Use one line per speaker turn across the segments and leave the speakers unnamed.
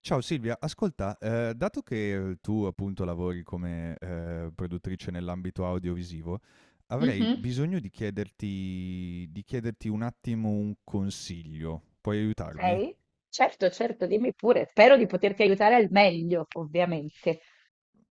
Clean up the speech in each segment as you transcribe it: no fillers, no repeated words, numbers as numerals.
Ciao Silvia, ascolta, dato che tu appunto lavori come produttrice nell'ambito audiovisivo, avrei
Mhm.
bisogno di chiederti un attimo un consiglio. Puoi aiutarmi?
Ok, certo, certo, dimmi pure. Spero di poterti aiutare al meglio, ovviamente.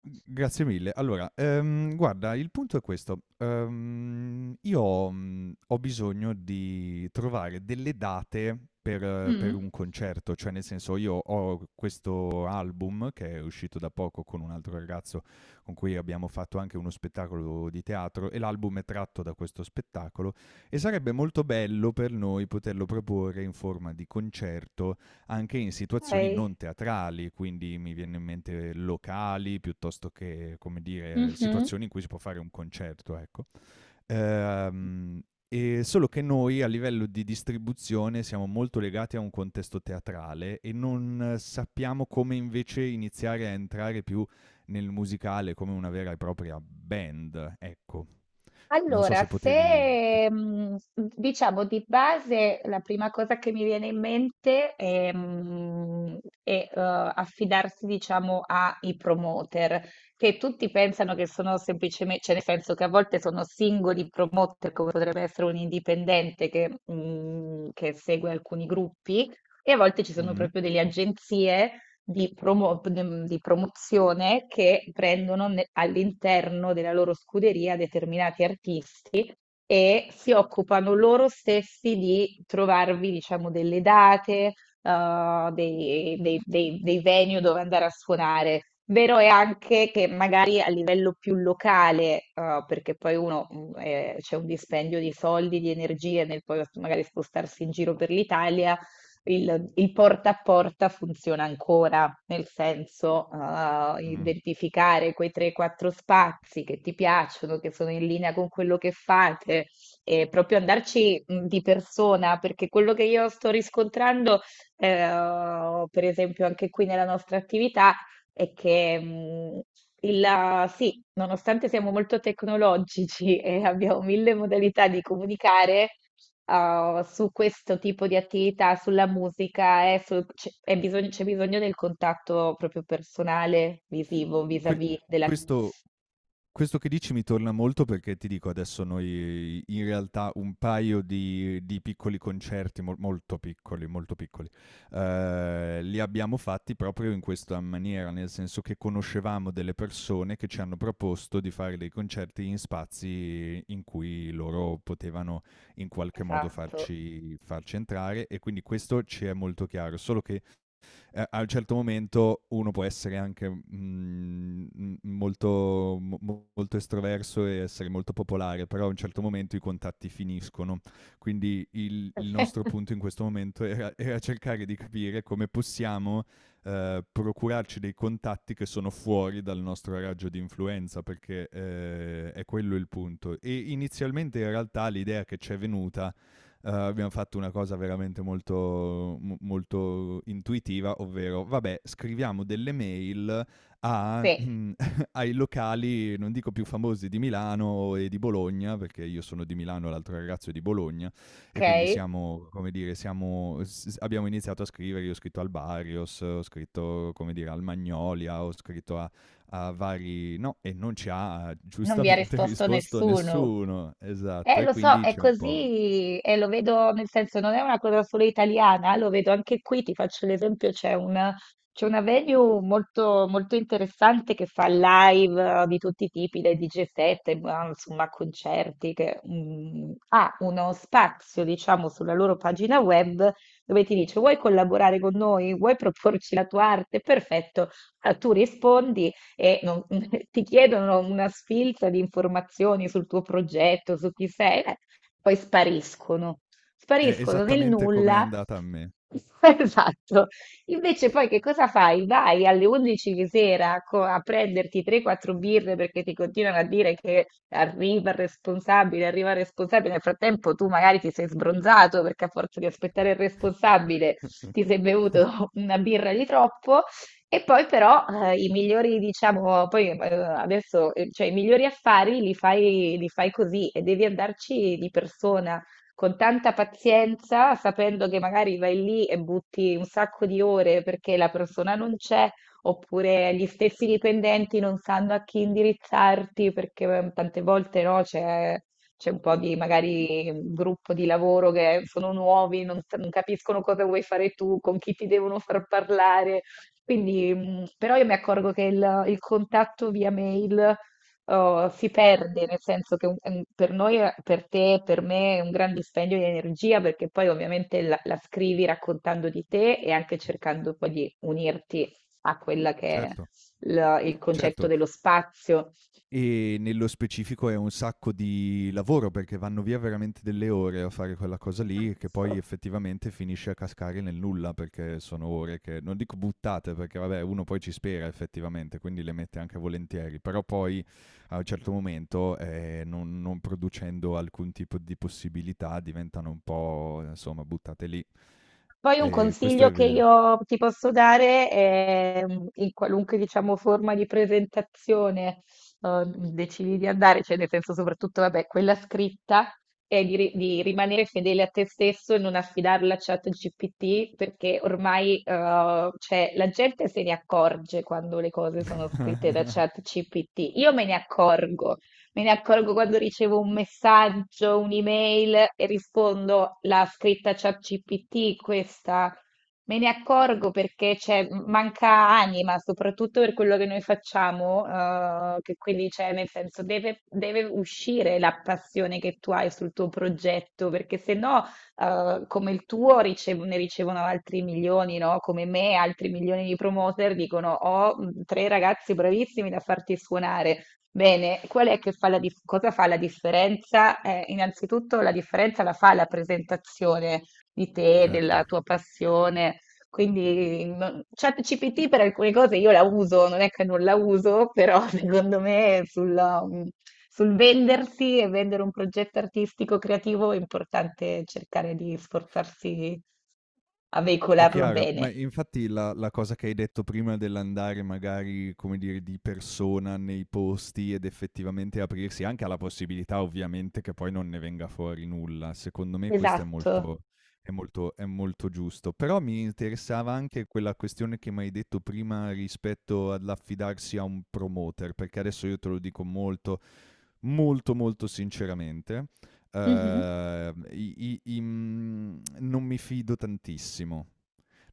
G grazie mille. Allora, guarda, il punto è questo. Io, ho bisogno di trovare delle date per
Mm.
un concerto, cioè nel senso io ho questo album che è uscito da poco con un altro ragazzo con cui abbiamo fatto anche uno spettacolo di teatro e l'album è tratto da questo spettacolo e sarebbe molto bello per noi poterlo proporre in forma di concerto, anche in situazioni
Ok.
non teatrali, quindi mi viene in mente locali piuttosto che, come dire,
Mhm.
situazioni in cui si può fare un concerto, ecco. Ehm, e solo che noi a livello di distribuzione siamo molto legati a un contesto teatrale e non sappiamo come invece iniziare a entrare più nel musicale come una vera e propria band, ecco. Non so
Allora,
se potevi se
se mhmm, mhmm, diciamo di base la prima cosa che mi viene in mente, è, affidarsi, diciamo, ai promoter, che tutti pensano che sono semplicemen, cioè, nel senso che a volte sono singoli promoter, come potrebbe essere un indipendente che che segue alcuni gruppi, e a volte ci sono
mh,
proprio delle agenzie di, di promozione che prendono all'interno della loro scuderia determinati artisti e si occupano loro stessi di trovarvi, diciamo, delle date, dei venue dove andare a suonare. Vero è anche che magari a livello più locale, perché poi uno c'è un dispendio di soldi, di energie nel poi magari spostarsi in giro per l'Italia, il porta a porta funziona ancora, nel senso,
mh.
identificare quei 3-4 spazi che ti piacciono, che sono in linea con quello che fate, e proprio andarci di persona, perché quello che io sto riscontrando, per esempio, anche qui nella nostra attività, è che sì, nonostante siamo molto tecnologici e abbiamo mille modalità di comunicare, su questo tipo di attività, sulla musica, c'è è bisogno, c'è bisogno del contatto proprio personale, visivo,
Que
vis-à-vis della...
questo Questo che dici mi torna molto perché ti dico adesso noi in realtà un paio di piccoli concerti, molto piccoli, molto piccoli, li abbiamo fatti proprio in questa maniera, nel senso che conoscevamo delle persone che ci hanno proposto di fare dei concerti in spazi in cui loro potevano in qualche modo
Esatto.
farci entrare e quindi questo ci è molto chiaro, solo che a un certo momento uno può essere anche molto, molto estroverso e essere molto popolare, però a un certo momento i contatti finiscono. Quindi il nostro punto in questo momento era, era cercare di capire come possiamo procurarci dei contatti che sono fuori dal nostro raggio di influenza, perché è quello il punto. E inizialmente in realtà l'idea che ci è venuta abbiamo fatto una cosa veramente molto, molto intuitiva, ovvero, vabbè, scriviamo delle mail a-
Sì,
mm, ai locali, non dico più famosi di Milano e di Bologna, perché io sono di Milano, l'altro ragazzo è di Bologna, e quindi
ok.
siamo, come dire, siamo, abbiamo iniziato a scrivere, io ho scritto al Barrios, ho scritto, come dire, al Magnolia, ho scritto a, a vari... No, e non ci ha
Non vi ha
giustamente
risposto
risposto
nessuno.
nessuno, esatto, e
Lo so,
quindi
è
c'è un po'...
così, e lo vedo, nel senso, non è una cosa solo italiana, lo vedo anche qui, ti faccio l'esempio, c'è una venue molto, molto interessante che fa live, di tutti i tipi, dai DJ set, ma, insomma, concerti, che mm, ha uno spazio, diciamo, sulla loro pagina web dove ti dice: vuoi collaborare con noi? Vuoi proporci la tua arte? Perfetto. Ah, tu rispondi e ti chiedono una sfilza di informazioni sul tuo progetto, su chi sei, poi spariscono,
È
spariscono nel
esattamente come è
nulla.
andata a me.
Esatto. Invece poi che cosa fai? Vai alle 11 di sera a prenderti 3-4 birre perché ti continuano a dire che arriva il responsabile, arriva il responsabile. Nel frattempo tu magari ti sei sbronzato perché a forza di aspettare il responsabile ti sei bevuto una birra di troppo, e poi però, i migliori, diciamo, poi, adesso, cioè i migliori affari li fai così e devi andarci di persona, con tanta pazienza, sapendo che magari vai lì e butti un sacco di ore perché la persona non c'è, oppure gli stessi dipendenti non sanno a chi indirizzarti perché, tante volte, no, c'è un po' di magari un gruppo di lavoro che sono nuovi, non, non capiscono cosa vuoi fare tu, con chi ti devono far parlare. Quindi, però io mi accorgo che il contatto via mail, oh, si perde, nel senso che per noi, per te, per me è un gran dispendio di energia, perché poi ovviamente la scrivi raccontando di te e anche cercando poi di unirti a quella che è
Certo,
il concetto
certo.
dello spazio.
E nello specifico è un sacco di lavoro, perché vanno via veramente delle ore a fare quella cosa lì, che poi effettivamente finisce a cascare nel nulla, perché sono ore che non dico buttate, perché vabbè, uno poi ci spera effettivamente, quindi le mette anche volentieri, però poi a un certo momento, non producendo alcun tipo di possibilità diventano un po', insomma, buttate lì.
Poi un
Questo
consiglio
è
che
vero.
io ti posso dare è mm, in qualunque, diciamo, forma di presentazione eh, decidi di andare, cioè nel senso, soprattutto, vabbè, quella scritta, è di, di rimanere fedele a te stesso e non affidarla a ChatGPT, perché ormai, cioè, la gente se ne accorge quando le cose sono scritte da ChatGPT. Io me ne accorgo. Me ne accorgo quando ricevo un messaggio, un'email e rispondo: la scritta ChatGPT, questa. Me ne accorgo perché c'è, manca anima, soprattutto per quello che noi facciamo, che quindi c'è, nel senso, deve, deve uscire la passione che tu hai sul tuo progetto, perché se no, come il tuo ne ricevono altri milioni, no? Come me, altri milioni di promoter dicono: ho mm, tre ragazzi bravissimi da farti suonare. Bene, qual è che fa la cosa fa la differenza? Innanzitutto la differenza la fa la presentazione di te, della
Certo,
tua passione. Quindi ChatGPT per alcune cose io la uso, non è che non la uso, però secondo me sulla, mm, sul vendersi e vendere un progetto artistico creativo è importante cercare di sforzarsi a
è
veicolarlo
chiaro,
bene.
ma infatti la cosa che hai detto prima dell'andare magari, come dire, di persona nei posti ed effettivamente aprirsi anche alla possibilità ovviamente che poi non ne venga fuori nulla, secondo me questo è
Esatto.
molto è molto è molto giusto. Però mi interessava anche quella questione che m'hai detto prima rispetto all'affidarsi a un promoter, perché adesso io te lo dico molto molto molto sinceramente.
Mhm.
Non mi fido tantissimo.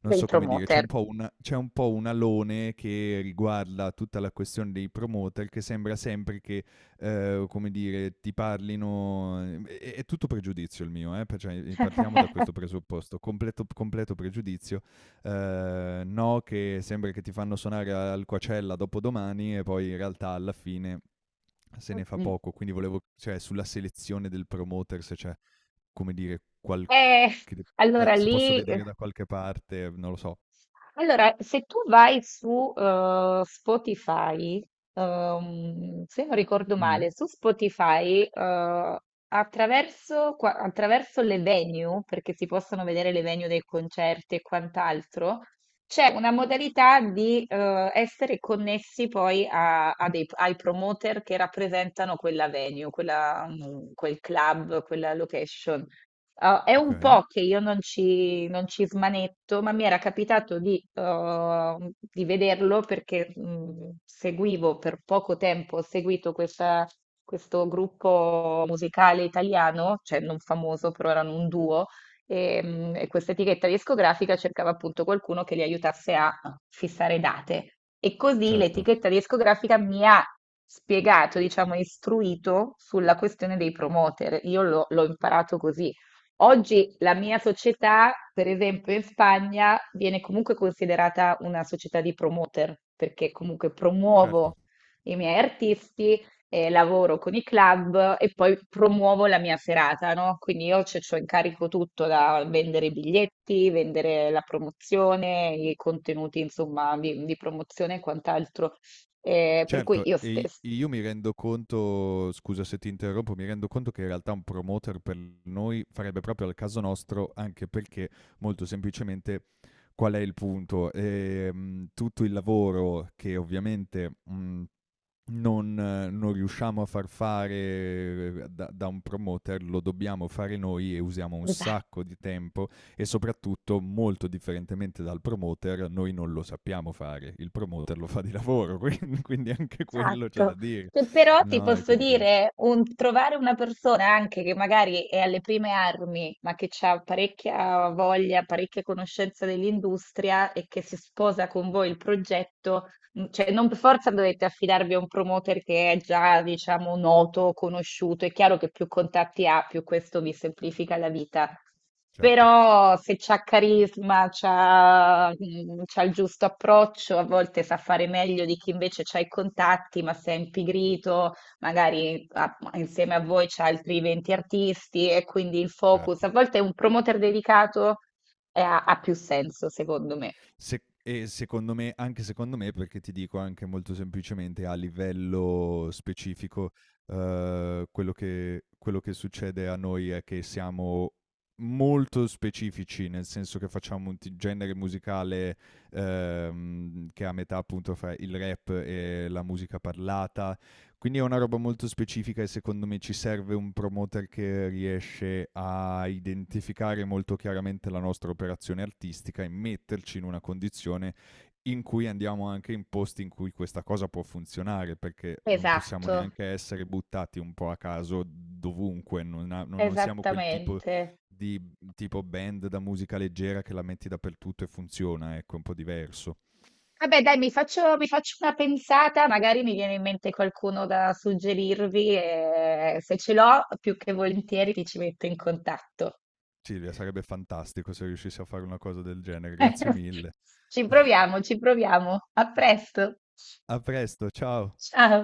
Non
Del
so come dire, c'è un
promoter.
po' una- c'è un po' un alone che riguarda tutta la questione dei promoter che sembra sempre che, come dire, ti parlino... È, è tutto pregiudizio il mio, eh? Per- cioè, partiamo da questo presupposto, completo, completo pregiudizio, no che sembra che ti fanno suonare al Coachella dopo domani e poi in realtà alla fine se ne fa poco, quindi volevo, cioè, sulla selezione del promoter se c'è, come dire, qualche...
Eh, allora
se posso
lì,
vedere da qualche parte, non lo so.
allora se tu vai su Spotify, se non ricordo
Mm,
male, su Spotify, attraverso, attraverso le venue, perché si possono vedere le venue dei concerti e quant'altro, c'è una modalità di, essere connessi poi ai promoter che rappresentano quella venue, quella, mm, quel club, quella location. Ah, è
ok,
un po' che io non ci smanetto, ma mi era capitato di vederlo perché seguivo per poco tempo, ho seguito questo gruppo musicale italiano, cioè non famoso, però erano un duo, e questa etichetta discografica cercava appunto qualcuno che li aiutasse a fissare date. E così
certo,
l'etichetta discografica mi ha spiegato, diciamo, istruito sulla questione dei promoter. Io l'ho imparato così. Oggi la mia società, per esempio in Spagna, viene comunque considerata una società di promoter, perché comunque
certo.
promuovo i miei artisti, lavoro con i club e poi promuovo la mia serata, no? Quindi io c'ho in carico tutto, da vendere i biglietti, vendere la promozione, i contenuti, insomma, di promozione e quant'altro. Per cui
Certo,
io
e i
stessa.
io mi rendo conto, scusa se ti interrompo, mi rendo conto che in realtà un promoter per noi farebbe proprio al caso nostro, anche perché molto semplicemente qual è il punto? Tutto il lavoro che ovviamente, mhmm non, non riusciamo a far fare da, da un promoter, lo dobbiamo fare noi e usiamo un sacco di tempo e soprattutto, molto differentemente dal promoter, noi non lo sappiamo fare, il promoter lo fa di lavoro, quindi anche quello c'è da
Esatto.
dire.
Però ti
No, e
posso
quindi quello
dire, trovare una persona anche che magari è alle prime armi, ma che ha parecchia voglia, parecchia conoscenza dell'industria e che si sposa con voi il progetto, mm, cioè, non per forza dovete affidarvi a un promoter che è già, diciamo, noto, conosciuto. È chiaro che più contatti ha, più questo vi semplifica la vita.
certo,
Però se c'ha carisma, c'ha, mm, c'ha il giusto approccio, a volte sa fare meglio di chi invece c'ha i contatti, ma se è impigrito, magari insieme a voi c'ha altri 20 artisti e quindi il focus.
certo.
A volte un promoter dedicato ha più senso, secondo me.
E secondo me, anche secondo me, perché ti dico anche molto semplicemente a livello specifico, quello che succede a noi è che siamo molto specifici, nel senso che facciamo un genere musicale che è a metà appunto fra il rap e la musica parlata, quindi è una roba molto specifica e secondo me ci serve un promoter che riesce a identificare molto chiaramente la nostra operazione artistica e metterci in una condizione in cui andiamo anche in posti in cui questa cosa può funzionare, perché non possiamo
Esatto.
neanche essere buttati un po' a caso dovunque, non, non siamo quel tipo
Esattamente.
di tipo band da musica leggera che la metti dappertutto e funziona, ecco, è un po' diverso.
Vabbè, dai, mi faccio una pensata, magari mi viene in mente qualcuno da suggerirvi e se ce l'ho, più che volentieri ti ci metto in contatto.
Silvia, sarebbe fantastico se riuscissi a fare una cosa del genere, grazie mille.
Ci proviamo, ci proviamo. A presto.
A presto, ciao.
Ciao.